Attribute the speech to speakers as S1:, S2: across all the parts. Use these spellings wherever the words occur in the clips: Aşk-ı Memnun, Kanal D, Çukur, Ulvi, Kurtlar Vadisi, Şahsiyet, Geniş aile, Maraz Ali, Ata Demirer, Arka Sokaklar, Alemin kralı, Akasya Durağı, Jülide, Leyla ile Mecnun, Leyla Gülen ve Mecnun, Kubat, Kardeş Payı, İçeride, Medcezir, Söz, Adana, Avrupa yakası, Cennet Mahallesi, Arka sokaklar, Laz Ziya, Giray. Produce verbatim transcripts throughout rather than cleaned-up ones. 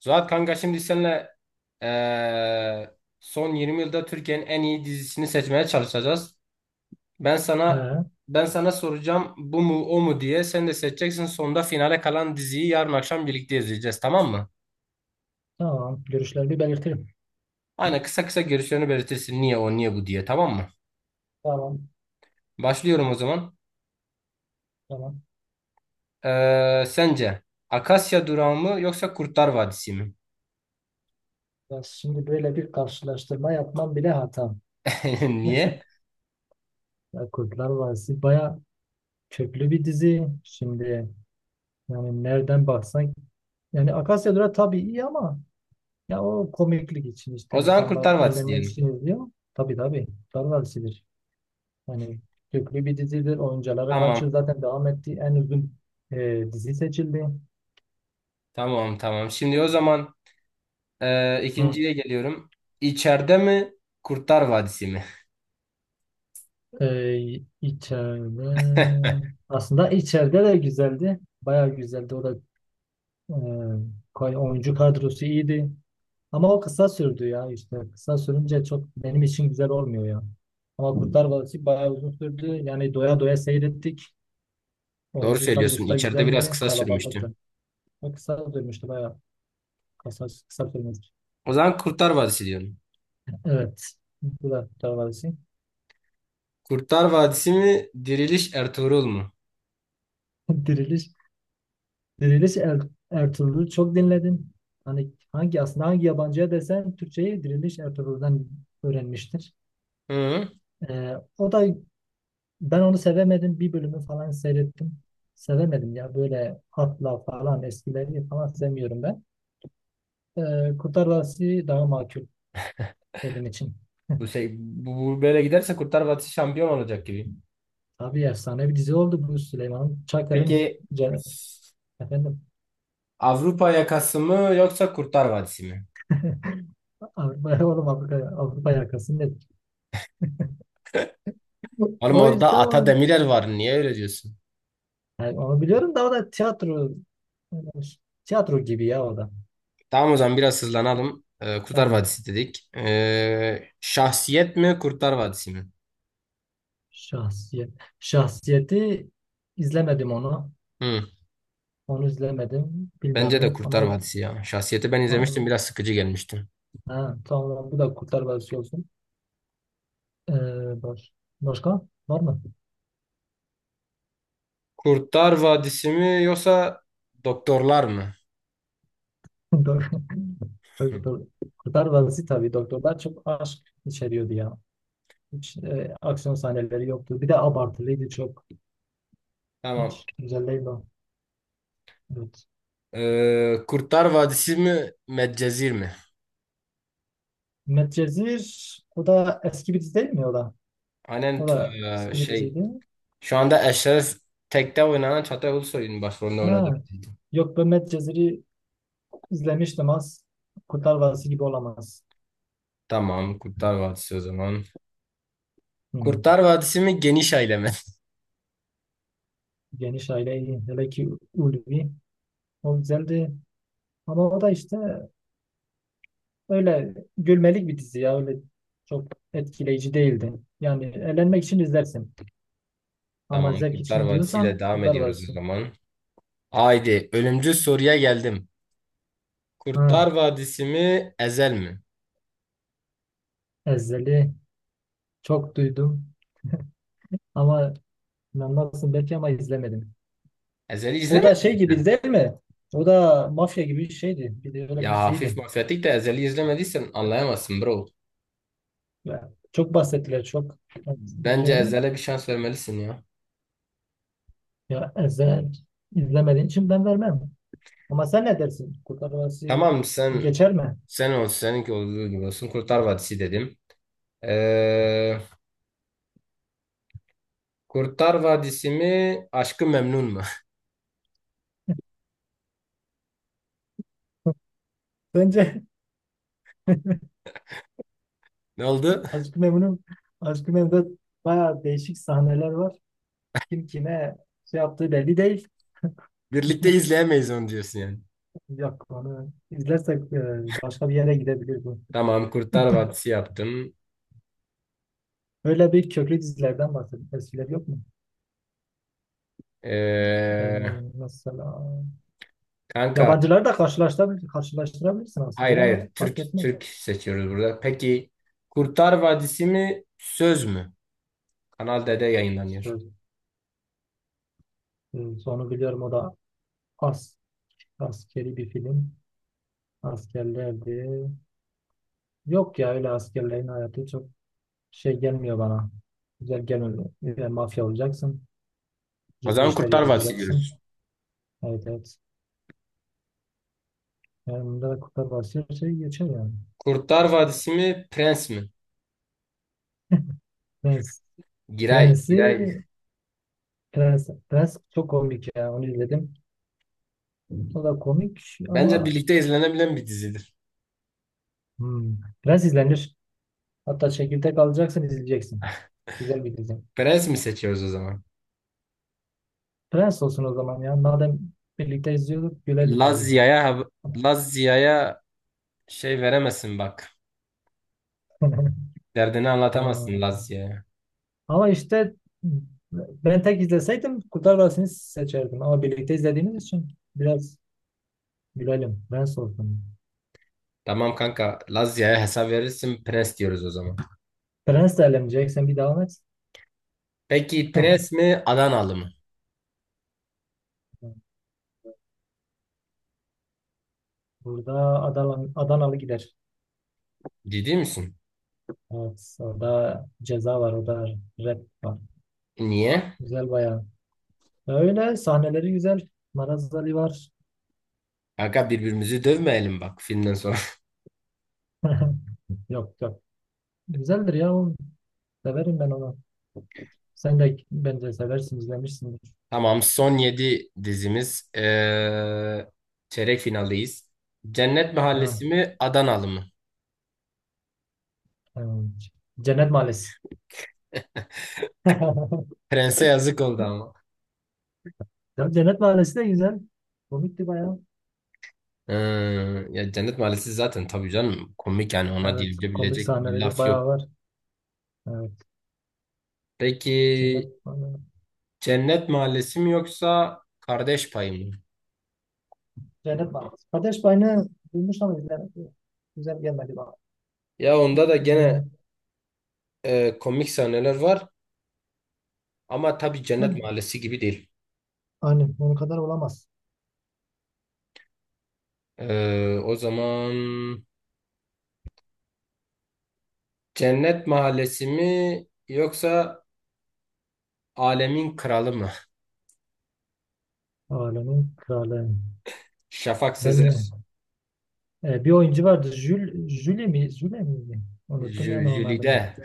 S1: Zuhat kanka şimdi seninle eee, son yirmi yılda Türkiye'nin en iyi dizisini seçmeye çalışacağız. Ben sana
S2: He,
S1: ben sana soracağım bu mu o mu diye sen de seçeceksin. Sonunda finale kalan diziyi yarın akşam birlikte izleyeceğiz, tamam mı?
S2: tamam. Görüşlerini belirtirim.
S1: Aynen, kısa kısa görüşlerini belirtirsin, niye o niye bu diye, tamam mı?
S2: Tamam.
S1: Başlıyorum o zaman.
S2: Tamam.
S1: Eee, sence Akasya Durağı mı yoksa Kurtlar Vadisi mi?
S2: Ya şimdi böyle bir karşılaştırma yapmam bile hata.
S1: Niye?
S2: Ya Kurtlar Vadisi baya köklü bir dizi. Şimdi yani nereden baksan yani Akasya Durağı tabii iyi ama ya o komiklik için işte
S1: O zaman Kurtlar
S2: insanlar
S1: Vadisi
S2: eğlenmek
S1: diyelim.
S2: için izliyor. Tabii tabii. Kurtlar Vadisi'dir. Yani köklü bir dizidir. Oyuncuları kaç yıl
S1: Tamam,
S2: zaten devam etti. En uzun e, dizi seçildi.
S1: tamam, tamam. Şimdi o zaman Ee,
S2: Hı
S1: ikinciye geliyorum. İçeride mi? Kurtlar Vadisi mi?
S2: Ee, içeride aslında içeride de güzeldi. Bayağı güzeldi. O da e, koy- oyuncu kadrosu iyiydi. Ama o kısa sürdü ya işte. Kısa sürünce çok benim için güzel olmuyor ya. Ama Kurtlar Vadisi bayağı uzun sürdü. Yani doya doya seyrettik.
S1: Doğru
S2: Oyuncu
S1: söylüyorsun.
S2: kadrosu da
S1: İçeride biraz
S2: güzeldi.
S1: kısa sürmüştü.
S2: Kalabalıktı. O kısa sürmüştü bayağı. Kısa, kısa sürmüştü.
S1: O zaman Kurtlar Vadisi diyorum.
S2: Evet. Bu da Kurtlar Vadisi.
S1: Kurtlar Vadisi mi? Diriliş Ertuğrul mu?
S2: Diriliş. Diriliş Er- Ertuğrul'u çok dinledim. Hani hangi aslında hangi yabancıya desen Türkçeyi Diriliş Ertuğrul'dan öğrenmiştir.
S1: Hı.
S2: Ee, o da ben onu sevemedim. Bir bölümü falan seyrettim. Sevemedim ya böyle hatla falan eskileri falan sevmiyorum ben. Ee, Kurtlar Vadisi daha makul benim için.
S1: Bu şey bu, bu böyle giderse Kurtlar Vadisi şampiyon olacak gibi.
S2: Tabii efsane bir dizi oldu bu Süleyman Çakır'ın
S1: Peki
S2: ce- efendim.
S1: Avrupa yakası mı yoksa Kurtlar Vadisi mi?
S2: Avrupa oğlum Avrupa, Avrupa yakası nedir?
S1: Oğlum,
S2: O
S1: orada
S2: işte
S1: Ata
S2: o.
S1: Demirer var. Niye öyle diyorsun?
S2: Yani onu biliyorum da o da tiyatro tiyatro gibi ya o da.
S1: Tamam, o zaman biraz hızlanalım. Ee, Kurtlar
S2: Yani
S1: Vadisi dedik. Ee, Şahsiyet mi Kurtlar Vadisi mi?
S2: şahsiyet şahsiyeti izlemedim onu.
S1: Hı.
S2: Onu izlemedim.
S1: Bence de
S2: Bilmiyorum
S1: Kurtlar
S2: ama
S1: Vadisi ya. Şahsiyeti ben
S2: ha,
S1: izlemiştim, biraz sıkıcı gelmiştim.
S2: ha, tamam bu da Kurtlar Vadisi olsun. Ee, baş, başka var mı?
S1: Kurtlar Vadisi mi yoksa Doktorlar mı?
S2: Doktor.
S1: Hı.
S2: Doktor- Kurtlar Vadisi tabii doktorlar çok aşk içeriyordu ya. Hiç e, aksiyon sahneleri yoktu. Bir de abartılıydı çok.
S1: Tamam.
S2: Hiç güzel değil o. Evet.
S1: Ee, Kurtlar Vadisi mi Medcezir mi?
S2: Medcezir o da eski bir dizi değil mi o da?
S1: Aynen
S2: O
S1: t-
S2: da
S1: e,
S2: eski bir
S1: şey
S2: diziydi.
S1: Şu anda Eşref Tek'te oynanan Çağatay Ulusoy'un başrolünde oynadığı bir
S2: Ha.
S1: dizi.
S2: Yok ben Medcezir'i izlemiştim az. Kurtlar Vadisi gibi olamaz.
S1: Tamam, Kurtlar Vadisi o zaman.
S2: Hmm.
S1: Kurtlar Vadisi mi Geniş Aile mi?
S2: Geniş aile iyi. Hele ki Ulvi. O güzeldi. Ama o da işte öyle gülmelik bir dizi ya. Öyle çok etkileyici değildi. Yani eğlenmek için izlersin. Ama
S1: Tamam,
S2: zevk
S1: Kurtlar
S2: için
S1: Vadisi ile
S2: diyorsan
S1: devam
S2: Kurtlar
S1: ediyoruz o
S2: Vadisi.
S1: zaman. Haydi, ölümcül soruya geldim.
S2: Ha.
S1: Kurtlar Vadisi mi Ezel mi?
S2: Ezeli. Çok duydum. Ama inanmazsın belki ama izlemedim.
S1: Ezel'i
S2: O da
S1: izlemedin mi
S2: şey gibiydi
S1: sen?
S2: değil mi? O da mafya gibi bir şeydi. Bir de öyle
S1: Ya
S2: bir
S1: hafif
S2: diziydi.
S1: mafyatik de Ezel'i izlemediysen anlayamazsın bro.
S2: Ya, çok bahsettiler çok. Evet,
S1: Bence
S2: biliyorum.
S1: Ezel'e bir şans vermelisin ya.
S2: Ya izle, izlemediğin için ben vermem. Ama sen ne dersin? Kurtlar Vadisi
S1: Tamam, sen
S2: geçer mi?
S1: sen ol, seninki olduğu gibi olsun. Kurtlar Vadisi dedim. Ee, Kurtlar Vadisi mi Aşkı Memnun mu?
S2: Bence.
S1: Ne oldu?
S2: Aşk-ı Memnun, Aşk-ı Memnun'da bayağı değişik sahneler var. Kim kime şey yaptığı belli değil.
S1: Birlikte izleyemeyiz onu diyorsun yani.
S2: Yok onu izlersek e, başka bir yere gidebilir bu.
S1: Tamam, Kurtlar Vadisi yaptım.
S2: Öyle bir köklü dizilerden bahsedin. Eskiler yok mu? E,
S1: Ee,
S2: mesela.
S1: Kanka,
S2: Yabancıları da karşılaştırabilir, karşılaştırabilirsin aslında
S1: hayır
S2: ya da
S1: hayır,
S2: fark
S1: Türk
S2: etmez.
S1: Türk seçiyoruz burada. Peki Kurtlar Vadisi mi Söz mü? Kanal D'de yayınlanıyor.
S2: Söz, e, sonu biliyorum o da as, askeri bir film. Askerlerdi. Yok ya öyle askerlerin hayatı çok şey gelmiyor bana. Güzel gelmiyor. Yani mafya olacaksın.
S1: O
S2: Gizli
S1: zaman
S2: işler
S1: Kurtlar Vadisi
S2: yapacaksın.
S1: diyoruz.
S2: Evet evet. Yani bunda da Kurtlar Vadisi şey geçer yani.
S1: Kurtlar Vadisi mi, Prens mi?
S2: Prens.
S1: Giray,
S2: Prensi
S1: Giray.
S2: Prens, Prens çok komik ya. Onu izledim. O da komik
S1: Bence
S2: ama
S1: birlikte izlenebilen bir dizidir.
S2: hmm, Prens izlenir. Hatta çekirdek alacaksın izleyeceksin. Güzel bir dizi.
S1: Prens mi seçiyoruz o zaman?
S2: Prens olsun o zaman ya. Madem birlikte izliyorduk gülelim
S1: Laz
S2: bari.
S1: Ziya'ya hab- Laz Ziya'ya şey veremezsin bak. Derdini
S2: Ha,
S1: anlatamazsın Laz Ziya'ya.
S2: ama işte ben tek izleseydim Kurtlar Vadisi'ni seçerdim. Ama birlikte izlediğimiz için biraz gülelim. Prens olsun.
S1: Tamam kanka, Laz Ziya'ya hesap verirsin, Prens diyoruz o zaman.
S2: Prens de elemeyecek. Sen bir devam et.
S1: Peki Prens mi, Adanalı mı?
S2: Burada Adana, Adanalı gider.
S1: Ciddi misin?
S2: Evet. Orada ceza var. Orada rap var.
S1: Niye?
S2: Güzel bayağı. Öyle sahneleri güzel. Maraz Ali var.
S1: Kanka, birbirimizi dövmeyelim bak filmden sonra.
S2: Yok yok. Güzeldir ya oğlum. Severim ben onu. Sen de bence seversin, izlemişsindir.
S1: Tamam, son yedi dizimiz. Ee, çeyrek finaldeyiz. Cennet
S2: Ha,
S1: Mahallesi mi, Adanalı mı?
S2: evet. Cennet Mahallesi.
S1: Prense yazık oldu ama.
S2: Ya Cennet Mahallesi de güzel. Komikti bayağı.
S1: Ee, ya Cennet Mahallesi zaten tabii canım komik, yani ona
S2: Evet, komik
S1: dilebilecek bir
S2: sahneleri
S1: laf
S2: bayağı
S1: yok.
S2: var. Evet,
S1: Peki
S2: Cennet Mahallesi.
S1: Cennet Mahallesi mi yoksa Kardeş Payı mı?
S2: Cennet Mahallesi. Kardeş Payını duymuş ama izlemedim. Güzel gelmedi bana.
S1: Ya onda da gene
S2: İzleyemem.
S1: e, komik sahneler var ama tabii Cennet
S2: Hadi.
S1: Mahallesi gibi değil.
S2: Aynen, onun kadar olamaz.
S1: Ee, o zaman Cennet Mahallesi mi yoksa Alemin Kralı mı?
S2: Alemin kralı.
S1: Şafak
S2: Ben
S1: Sezer,
S2: e, bir oyuncu vardı. Jül, Jüli mi? Jüle miydi? Unuttum ya
S1: Jü-
S2: ben onun adını.
S1: Jülide,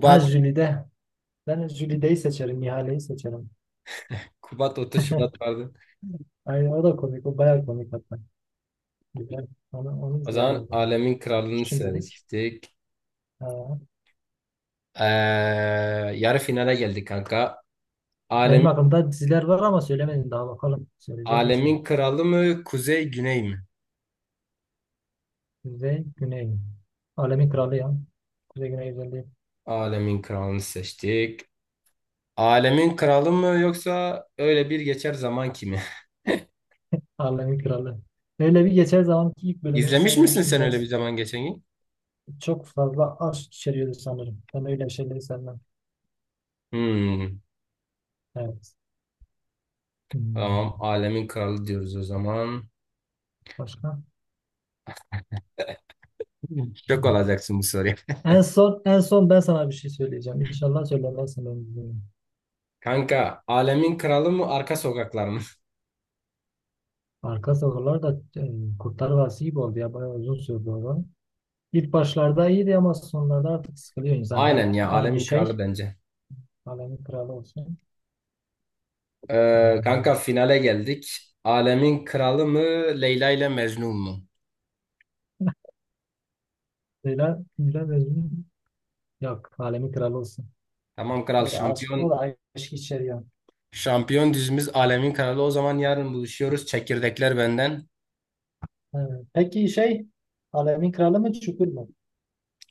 S2: Ha Jülide. Ben Jülide'yi seçerim, Ihale'yi seçerim.
S1: Kubat otuz Şubat vardı.
S2: Aynen o da komik, o bayağı komik hatta. Güzel. Onu, onu
S1: O
S2: izleyelim o
S1: zaman
S2: zaman.
S1: Alemin Kralını
S2: Şimdilik.
S1: seçtik.
S2: Ee,
S1: Ee, Yarı finale geldik kanka.
S2: benim
S1: Alemin,
S2: aklımda diziler var ama söylemedim daha bakalım. Söyleyecek misin?
S1: Alemin Kralı mı, Kuzey Güney mi?
S2: Kuzey, Güney. Alemin Kralı ya. Kuzey Güney güzelliği.
S1: Alemin Kralını seçtik. Alemin Kralı mı yoksa öyle bir geçer zaman kimi?
S2: Alemin Kralı. Öyle bir geçen zamanki ilk bölümünü
S1: İzlemiş misin
S2: seyretmiştim.
S1: sen öyle bir
S2: Biraz
S1: zaman geçen gün?
S2: çok fazla aşk içeriyordu sanırım. Ben öyle şeyleri sevmem.
S1: Hmm,
S2: Evet. Hmm.
S1: tamam. Alemin Kralı diyoruz o zaman.
S2: Başka?
S1: Şok olacaksın bu soruya.
S2: En son en son ben sana bir şey söyleyeceğim. İnşallah söylemezsin. Ben bunu.
S1: Kanka, Alemin Kralı mı, Arka Sokaklar mı?
S2: Arka sokaklar da e, Kurtlar Vadisi gibi oldu ya. Bayağı uzun sürdü o. İlk başlarda iyiydi ama sonlarda artık sıkılıyor insan. Hep
S1: Aynen ya,
S2: aynı
S1: Alemin Kralı
S2: şey.
S1: bence.
S2: Alemin kralı olsun.
S1: Ee, kanka,
S2: Ee,
S1: finale geldik. Alemin Kralı mı, Leyla ile Mecnun mu?
S2: Leyla, Gülen ve Mecnun yok. Alemin kralı olsun.
S1: Tamam kral,
S2: O da aşk, o
S1: şampiyon
S2: da aşk içeriyor.
S1: şampiyon dizimiz Alemin Kralı. O zaman yarın buluşuyoruz. Çekirdekler benden.
S2: Evet. Peki şey Alemin kralı mı Çukur mu?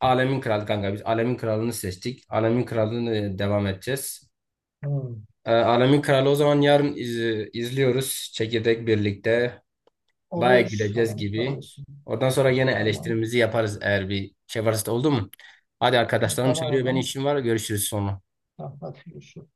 S1: Alemin Kralı kanka, biz Alemin Kralı'nı seçtik. Alemin Kralı'nı e, devam edeceğiz.
S2: Hmm.
S1: Ee, Alemin Kralı, o zaman yarın iz- izliyoruz. Çekirdek birlikte. Baya
S2: Olur.
S1: güleceğiz
S2: Alemin kralı
S1: gibi.
S2: olsun.
S1: Oradan sonra yine
S2: Tamam.
S1: eleştirimizi yaparız eğer bir şey varsa da, oldu mu? Hadi, arkadaşlarım
S2: Tamam o
S1: çağırıyor. Benim
S2: zaman.
S1: işim var. Görüşürüz sonra.
S2: Tamam, hadi görüşürüz.